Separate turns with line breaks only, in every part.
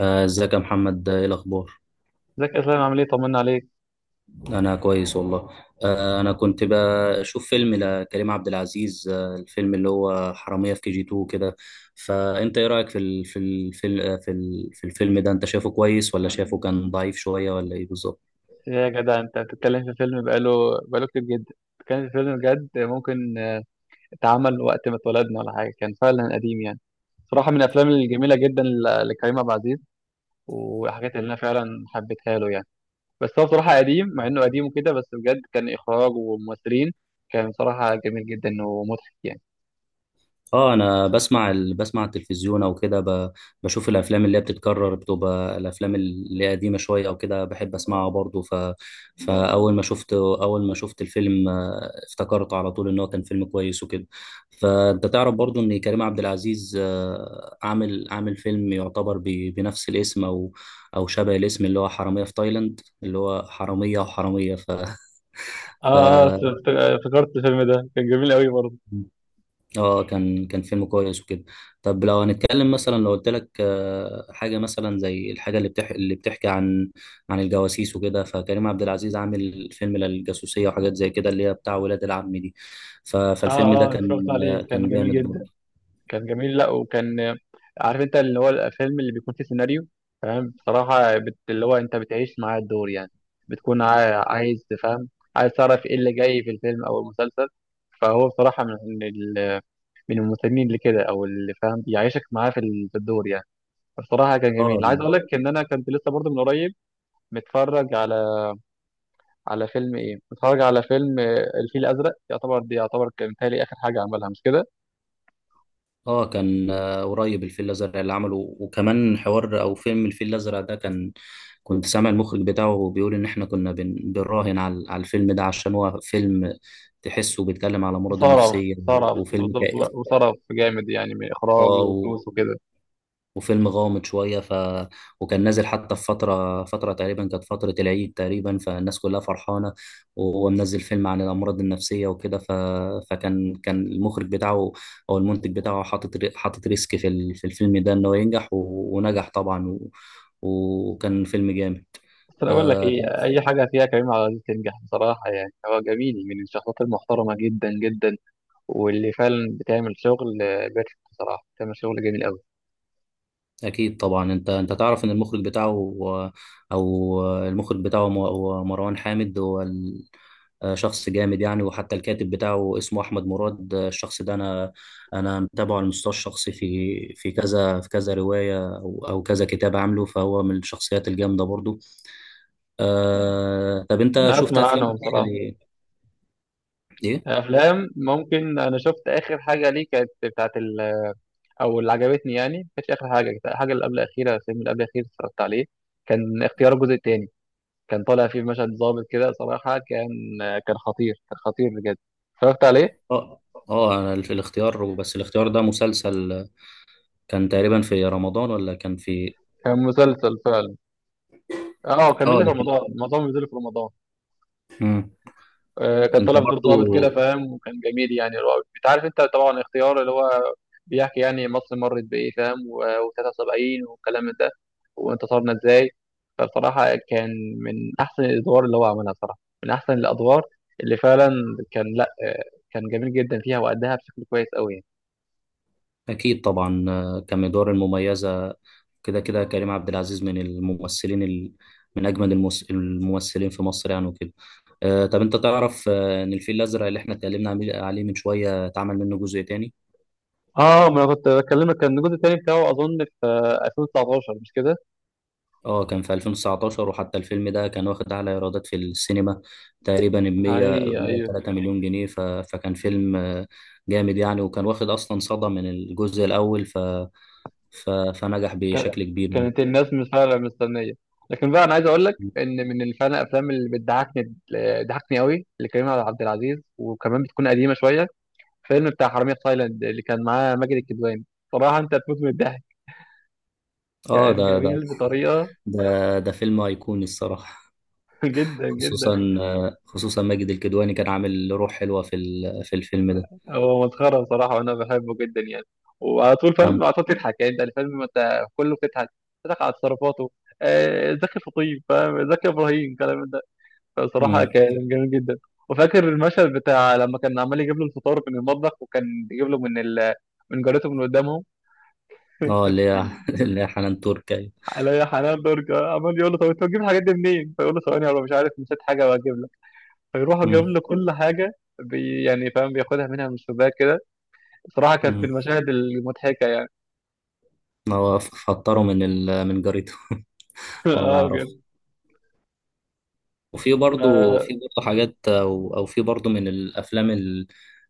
ازيك يا محمد، ايه الاخبار؟
ازيك يا اسلام، عامل ايه؟ طمنا عليك.
انا كويس والله. انا كنت بشوف فيلم لكريم عبد العزيز، الفيلم اللي هو حرامية في كي جي 2 كده. فانت ايه رايك في في الفيلم ده؟ انت شايفه كويس، ولا شايفه كان ضعيف شوية، ولا ايه بالظبط؟
يا جدع انت بتتكلم في فيلم بقاله كتير جدا. كان في فيلم بجد ممكن اتعمل وقت ما اتولدنا ولا حاجه، كان فعلا قديم يعني. صراحه من الافلام الجميله جدا لكريم عبد العزيز، والحاجات اللي انا فعلا حبيتها له يعني. بس هو صراحه قديم، مع انه قديم وكده بس بجد كان اخراج وممثلين، كان صراحه جميل جدا ومضحك يعني.
اه انا بسمع التلفزيون او كده، بشوف الافلام اللي هي بتتكرر، بتبقى الافلام اللي هي قديمه شويه او كده، بحب اسمعها برضو. فاول ما شفت الفيلم، افتكرته على طول ان هو كان فيلم كويس وكده. فانت تعرف برضو ان كريم عبد العزيز، عامل فيلم يعتبر بنفس الاسم، او او شبه الاسم، اللي هو حراميه في تايلاند، اللي هو حراميه وحراميه. ف ف
افتكرت الفيلم ده كان جميل قوي برضه.
اه كان فيلم كويس وكده. طب لو هنتكلم مثلا، لو قلت لك حاجه مثلا زي الحاجه اللي بتحكي عن عن الجواسيس وكده، فكريم عبد العزيز عامل فيلم للجاسوسيه وحاجات زي كده اللي هي بتاع ولاد العم دي. فالفيلم
اه
ده
اه اتفرجت
كان،
عليه كان
كان
جميل
جامد
جدا.
برضه.
كان جميل لا وكان، عارف انت اللي هو الفيلم اللي بيكون فيه سيناريو فاهم، بصراحة اللي هو انت بتعيش معاه الدور يعني. بتكون عايز تفهم، عايز تعرف ايه اللي جاي في الفيلم او المسلسل. فهو بصراحة من المسلمين اللي كده او اللي فاهم بيعيشك معاه في الدور يعني. بصراحة كان
اه
جميل. عايز اقول لك ان انا كنت لسه برضه من قريب متفرج على، على فيلم ايه متفرج على فيلم الفيل الازرق، يعتبر دي يعتبر كان متهيألي اخر حاجة عملها، مش كده؟
اه كان، قريب الفيل الازرق اللي عمله. وكمان حوار او فيلم الفيل الازرق ده كان، كنت سامع المخرج بتاعه بيقول ان احنا كنا بنراهن على على الفيلم ده عشان هو فيلم تحسه بيتكلم على مرض
صرف
النفسية،
صرف
وفيلم
بالظبط
كئيب،
بقى، وصرف جامد يعني من اخراج
اه،
وفلوس وكده.
وفيلم غامض شوية. وكان نازل حتى في فترة، تقريبا كانت فترة العيد تقريبا، فالناس كلها فرحانة وهو منزل فيلم عن الأمراض النفسية وكده. فكان المخرج بتاعه أو المنتج بتاعه حاطط حاطط ريسك في في الفيلم ده، إن هو ينجح. و... ونجح طبعا، و... وكان فيلم جامد.
بس انا اقول لك
آه،
ايه، اي حاجه فيها كريم عبد العزيز تنجح بصراحه، يعني هو جميل من الشخصيات المحترمه جدا جدا. واللي فعلا بتعمل شغل بيرفكت، بصراحه بتعمل شغل جميل قوي.
اكيد طبعا. انت تعرف ان المخرج بتاعه، او، المخرج بتاعه هو مروان حامد. هو شخص جامد يعني. وحتى الكاتب بتاعه اسمه احمد مراد، الشخص ده، انا متابعه على المستوى الشخصي في كذا، في كذا روايه، او او كذا كتاب عامله، فهو من الشخصيات الجامده برضو. آه، طب انت
انا
شفت
اسمع
افلام
عنهم
تانية
بصراحه.
ليه؟ ايه؟
افلام ممكن انا شفت اخر حاجه ليه كانت او اللي عجبتني يعني، ما كانتش اخر حاجه، كانت الحاجه اللي قبل الاخيره، الفيلم اللي قبل الاخير اتفرجت عليه، كان اختيار الجزء الثاني. كان طالع فيه في مشهد ظابط كده، صراحة كان كان خطير، كان خطير بجد. اتفرجت عليه.
اه اه، أنا الاختيار، بس الاختيار ده مسلسل. كان تقريبا في رمضان، ولا كان في
كان مسلسل فعلا. اه، كان
اه؟
بينزل في
لكن
رمضان، معظمهم بينزلوا في رمضان.
مم.
آه كان
انت
طالع في دور
برضو
ظابط كده فاهم، وكان جميل يعني، اللي هو انت عارف انت طبعا اختيار اللي هو بيحكي يعني مصر مرت بايه فاهم، و73 والكلام من ده، وانتصرنا ازاي. فبصراحة كان من احسن الادوار اللي هو عملها صراحة، من احسن الادوار اللي فعلا كان لا آه، كان جميل جدا فيها وأداها بشكل كويس قوي.
اكيد طبعا، كمدار المميزه كده. كريم عبد العزيز من من اجمد الممثلين في مصر يعني وكده. آه، طب انت تعرف ان الفيل الازرق اللي احنا اتكلمنا عليه من شويه، اتعمل منه جزء تاني.
اه ما انا كنت بكلمك، كان الجزء التاني بتاعه اظن في 2019، مش كده؟
اه كان في 2019. وحتى الفيلم ده كان واخد اعلى ايرادات في السينما، تقريبا ب 100
ايوه.
103 مليون جنيه. فكان فيلم جامد يعني، وكان واخد اصلا صدى من الجزء الاول. فنجح
كا-
بشكل كبير.
كانت الناس مش فعلا مستنيه. لكن بقى انا عايز اقول لك ان من اللي فعلا الافلام اللي بتضحكني، ضحكني قوي لكريم عبد العزيز وكمان بتكون قديمه شويه، فيلم بتاع حرامية في تايلاند اللي كان معاه ماجد الكدواني. صراحه انت هتموت من الضحك،
اه
كان
ده ده
جميل بطريقه
ده ده فيلم أيقوني الصراحة.
جدا جدا.
خصوصا، ماجد الكدواني كان عامل روح حلوة في في الفيلم ده.
هو مسخرة بصراحة وأنا بحبه جدا يعني، وعلى طول
مم.
فاهم على طول تضحك يعني، أنت الفيلم ما أنت كله بتضحك. بتضحك على تصرفاته. زكي فطيب فاهم، زكي إبراهيم الكلام ده. فبصراحة
مم.
كان جميل جدا. وفاكر المشهد بتاع لما كان عمال يجيب له الفطار من المطبخ، وكان يجيب له من جارته من قدامهم،
اه اللي هي اللي هي حنان ترك، أيوة.
عليا حنان درجة، عمال يقول له طب أنت بتجيب الحاجات دي منين؟ فيقول له ثواني أنا مش عارف نسيت حاجة وهجيب لك، فيروح جايب
مم.
له كل حاجة، بي يعني فاهم بياخدها منها من الشباك كده. بصراحة كانت من
مم.
المشاهد المضحكة يعني.
هو فطره من من جاريته هو ما
اه
يعرفش.
بجد.
وفي برضه،
اه
في برضه حاجات، او او في برضه، من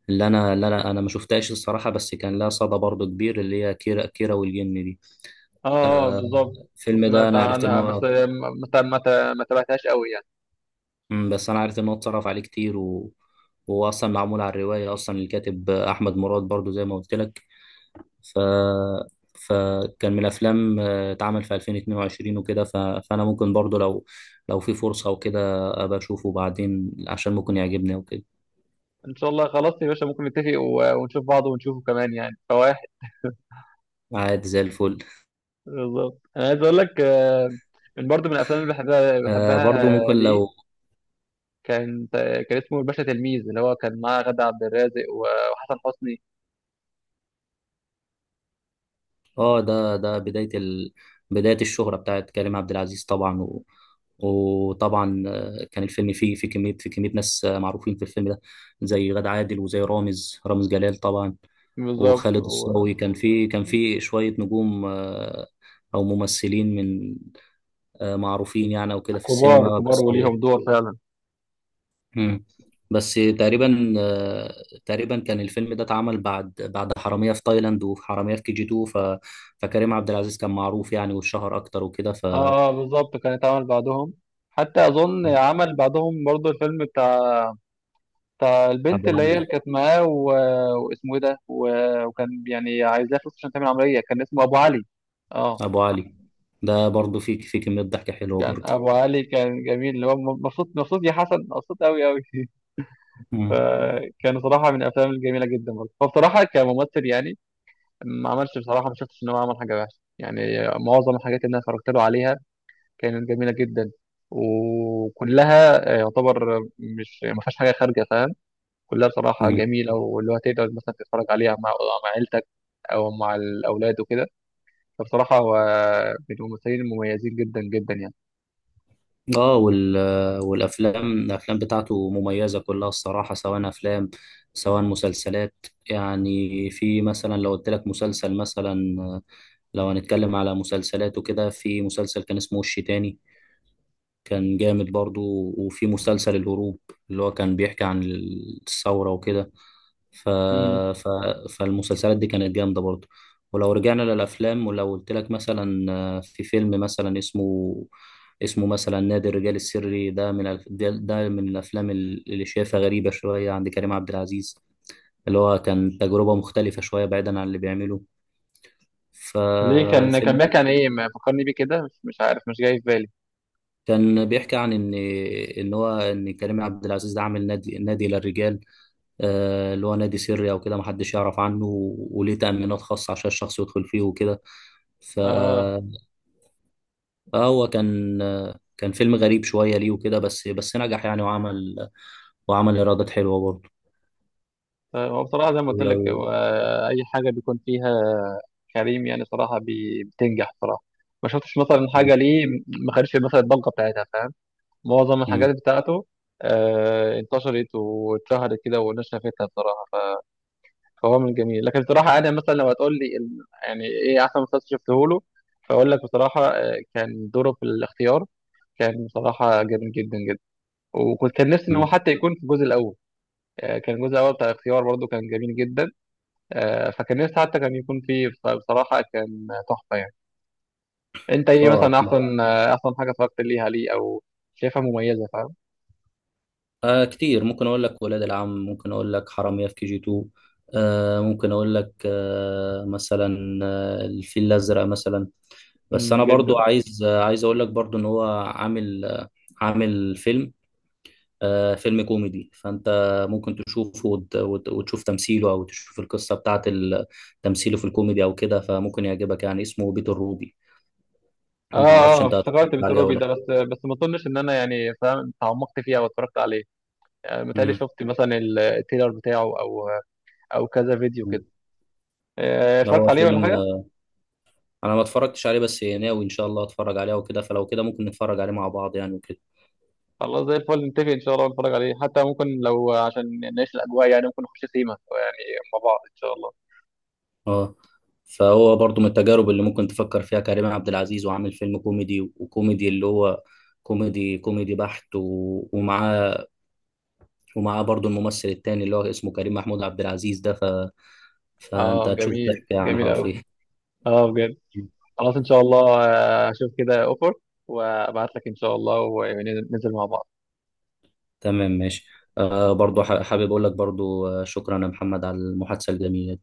اللي انا اللي انا انا ما شفتهاش الصراحه، بس كان لها صدى برضه كبير، اللي هي كيرة كيرة والجن دي. آه،
بالظبط.
الفيلم ده
سمعت
انا عرفت ان
عنها بس
هو،
ما ما ت- ما تابعتهاش قوي يعني.
مم، بس انا عارف ان هو اتصرف عليه كتير، و... وهو اصلا معمول على الروايه، اصلا الكاتب احمد مراد برضو زي ما قلت لك. ف فكان من الافلام، اتعمل في 2022 وكده. فانا ممكن برضو لو، في فرصه وكده، ابقى اشوفه بعدين عشان ممكن يعجبني وكده.
ان شاء الله، خلاص يا باشا ممكن نتفق ونشوف بعض ونشوفه كمان يعني فواحد.
عادي زي الفل.
بالظبط انا عايز اقول لك من برضه من الافلام اللي بحبها
آه
بحبها
برضو ممكن لو،
ليه، كان كان اسمه الباشا تلميذ، اللي هو كان معاه غادة عبد الرازق وحسن حسني.
اه ده بداية بداية الشهرة بتاعت كريم عبد العزيز طبعا. و... وطبعا، كان الفيلم فيه في كمية ناس معروفين في الفيلم ده، زي غادة عادل، وزي رامز، جلال طبعا،
بالظبط
وخالد
وكبار،
الصاوي. كان فيه، شوية نجوم، أو ممثلين من، معروفين يعني وكده في السينما
كبار
بس.
وليهم دور فعلا.
مم. بس تقريبا، تقريبا كان الفيلم ده اتعمل بعد، حرامية في تايلاند وحرامية في كي جي 2. فكريم عبد العزيز كان معروف يعني، والشهر اكتر وكده. ف
اه بالظبط، كان اتعمل بعدهم، حتى اظن
مم.
عمل بعدهم برضه الفيلم، فالبنت
ابو
اللي هي
علي.
اللي كانت معاه واسمه ايه ده وكان يعني عايزاه فلوس عشان تعمل عمليه، كان اسمه ابو علي. اه،
ابو علي ده برضه في، كمية ضحك حلوة
كان
برضه.
ابو علي كان جميل، اللي هو مبسوط مبسوط يا حسن، مبسوط قوي قوي
مم.
فكان صراحه من الافلام الجميله جدا برضه. فبصراحه كممثل يعني، ما عملش بصراحه، ما شفتش ان هو عمل حاجه وحشه يعني، معظم الحاجات اللي انا اتفرجت له عليها كانت جميله جدا. وكلها يعتبر مش ما فيهاش حاجه خارجه، كلها بصراحة
مم.
جميلة، واللي هو تقدر مثلا تتفرج عليها مع، مع عيلتك أو مع الأولاد وكده. فبصراحة هو من الممثلين المميزين جدا جدا يعني.
اه والافلام، بتاعته مميزة كلها الصراحة، سواء افلام، سواء مسلسلات. يعني في مثلا، لو قلت لك مسلسل مثلا، لو هنتكلم على مسلسلات وكده، في مسلسل كان اسمه وش تاني، كان جامد برضو. وفي مسلسل الهروب، اللي هو كان بيحكي عن الثورة وكده. ف...
امم،
ف... فالمسلسلات دي كانت جامدة برضو. ولو رجعنا للأفلام، ولو قلت لك مثلا، في فيلم مثلا اسمه، مثلا نادي الرجال السري. ده من الف... ده ده من الأفلام اللي شايفها غريبة شوية عند كريم عبد العزيز، اللي هو كان تجربة مختلفة شوية بعيدا عن اللي بيعمله.
ليه كان كان
فالفيلم
بيحكي عن إيه؟ ما فكرني بيه كده، مش مش عارف، مش جاي في بالي.
كان بيحكي عن ان، ان هو ان كريم عبد العزيز ده عامل نادي، للرجال، اللي هو نادي سري او كده، محدش يعرف عنه، و- وليه تأمينات خاصة عشان الشخص يدخل فيه وكده. ف
اه
فهو كان، كان فيلم غريب شوية ليه وكده، بس نجح يعني، وعمل ايرادات حلوة برضه.
طيب هو بصراحة زي ما قلت لك،
ولو
هو أي حاجة بيكون فيها كريم يعني صراحة بتنجح صراحة، ما شفتش مثلا حاجة
مم.
ليه ما خدش مثلا الضجة بتاعتها فاهم. معظم
مم.
الحاجات بتاعته آه انتشرت واتشهرت كده والناس شافتها بصراحة. فهو من جميل، لكن بصراحة أنا مثلا لو هتقول لي يعني إيه أحسن مسلسل شفته له، فأقول لك بصراحة كان دوره في الاختيار، كان بصراحة جميل جدا جدا، وكنت كان نفسي إن هو
مم.
حتى يكون في الجزء الأول. كان الجزء الأول بتاع الاختيار برضه كان جميل جدا. فكان نفسي حتى كان يكون فيه، فبصراحة كان تحفة يعني. أنت إيه
اه
مثلا
اكيد.
أحسن أحسن حاجة اتفرجت ليها ليه، أو شايفها مميزة فاهم؟
آه كتير ممكن اقول لك ولاد العم، ممكن اقول لك حرامية في كي جي 2، آه ممكن اقول لك آه مثلا آه الفيل الازرق مثلا. بس
مم،
انا برضو
جدا.
عايز آه، عايز اقول لك برضو ان هو عامل آه، فيلم، فيلم كوميدي. فانت ممكن تشوفه وتشوف تمثيله، او تشوف القصه تمثيله في الكوميدي او كده، فممكن يعجبك يعني. اسمه بيت الروبي. ما
اه
اعرفش
اه
انت هتتفرج
افتكرت بيت
عليه او
روبي ده،
لا.
بس بس ما اظنش ان انا يعني فاهم تعمقت فيها واتفرجت عليه. متهيألي
مم.
شفت مثلا التريلر بتاعه او او كذا فيديو كده.
مم. ده
اتفرجت
هو
عليه ولا
فيلم،
حاجه.
انا ما اتفرجتش عليه، بس ناوي ان شاء الله اتفرج عليه وكده. فلو كده ممكن نتفرج عليه مع بعض يعني وكده.
خلاص زي الفل، نتفق ان شاء الله نتفرج عليه، حتى ممكن لو عشان نعيش الاجواء يعني ممكن نخش سيما يعني مع بعض ان شاء الله.
اه فهو برضو من التجارب اللي ممكن تفكر فيها كريم عبد العزيز، وعامل فيلم كوميدي. وكوميدي اللي هو كوميدي، بحت. ومعاه، برضو الممثل التاني اللي هو اسمه كريم محمود عبد العزيز ده. فانت
اه
هتشوف
جميل،
ضحك يعني
جميل قوي.
حرفيا.
اه بجد. خلاص ان شاء الله اشوف كده اوفر وابعت لك ان شاء الله وننزل مع بعض.
تمام، ماشي. آه برضو حابب اقول لك برضو، شكرا يا محمد على المحادثة الجميلة.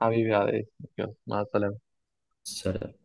حبيبي على ايه. يلا، مع السلامه.
سلام.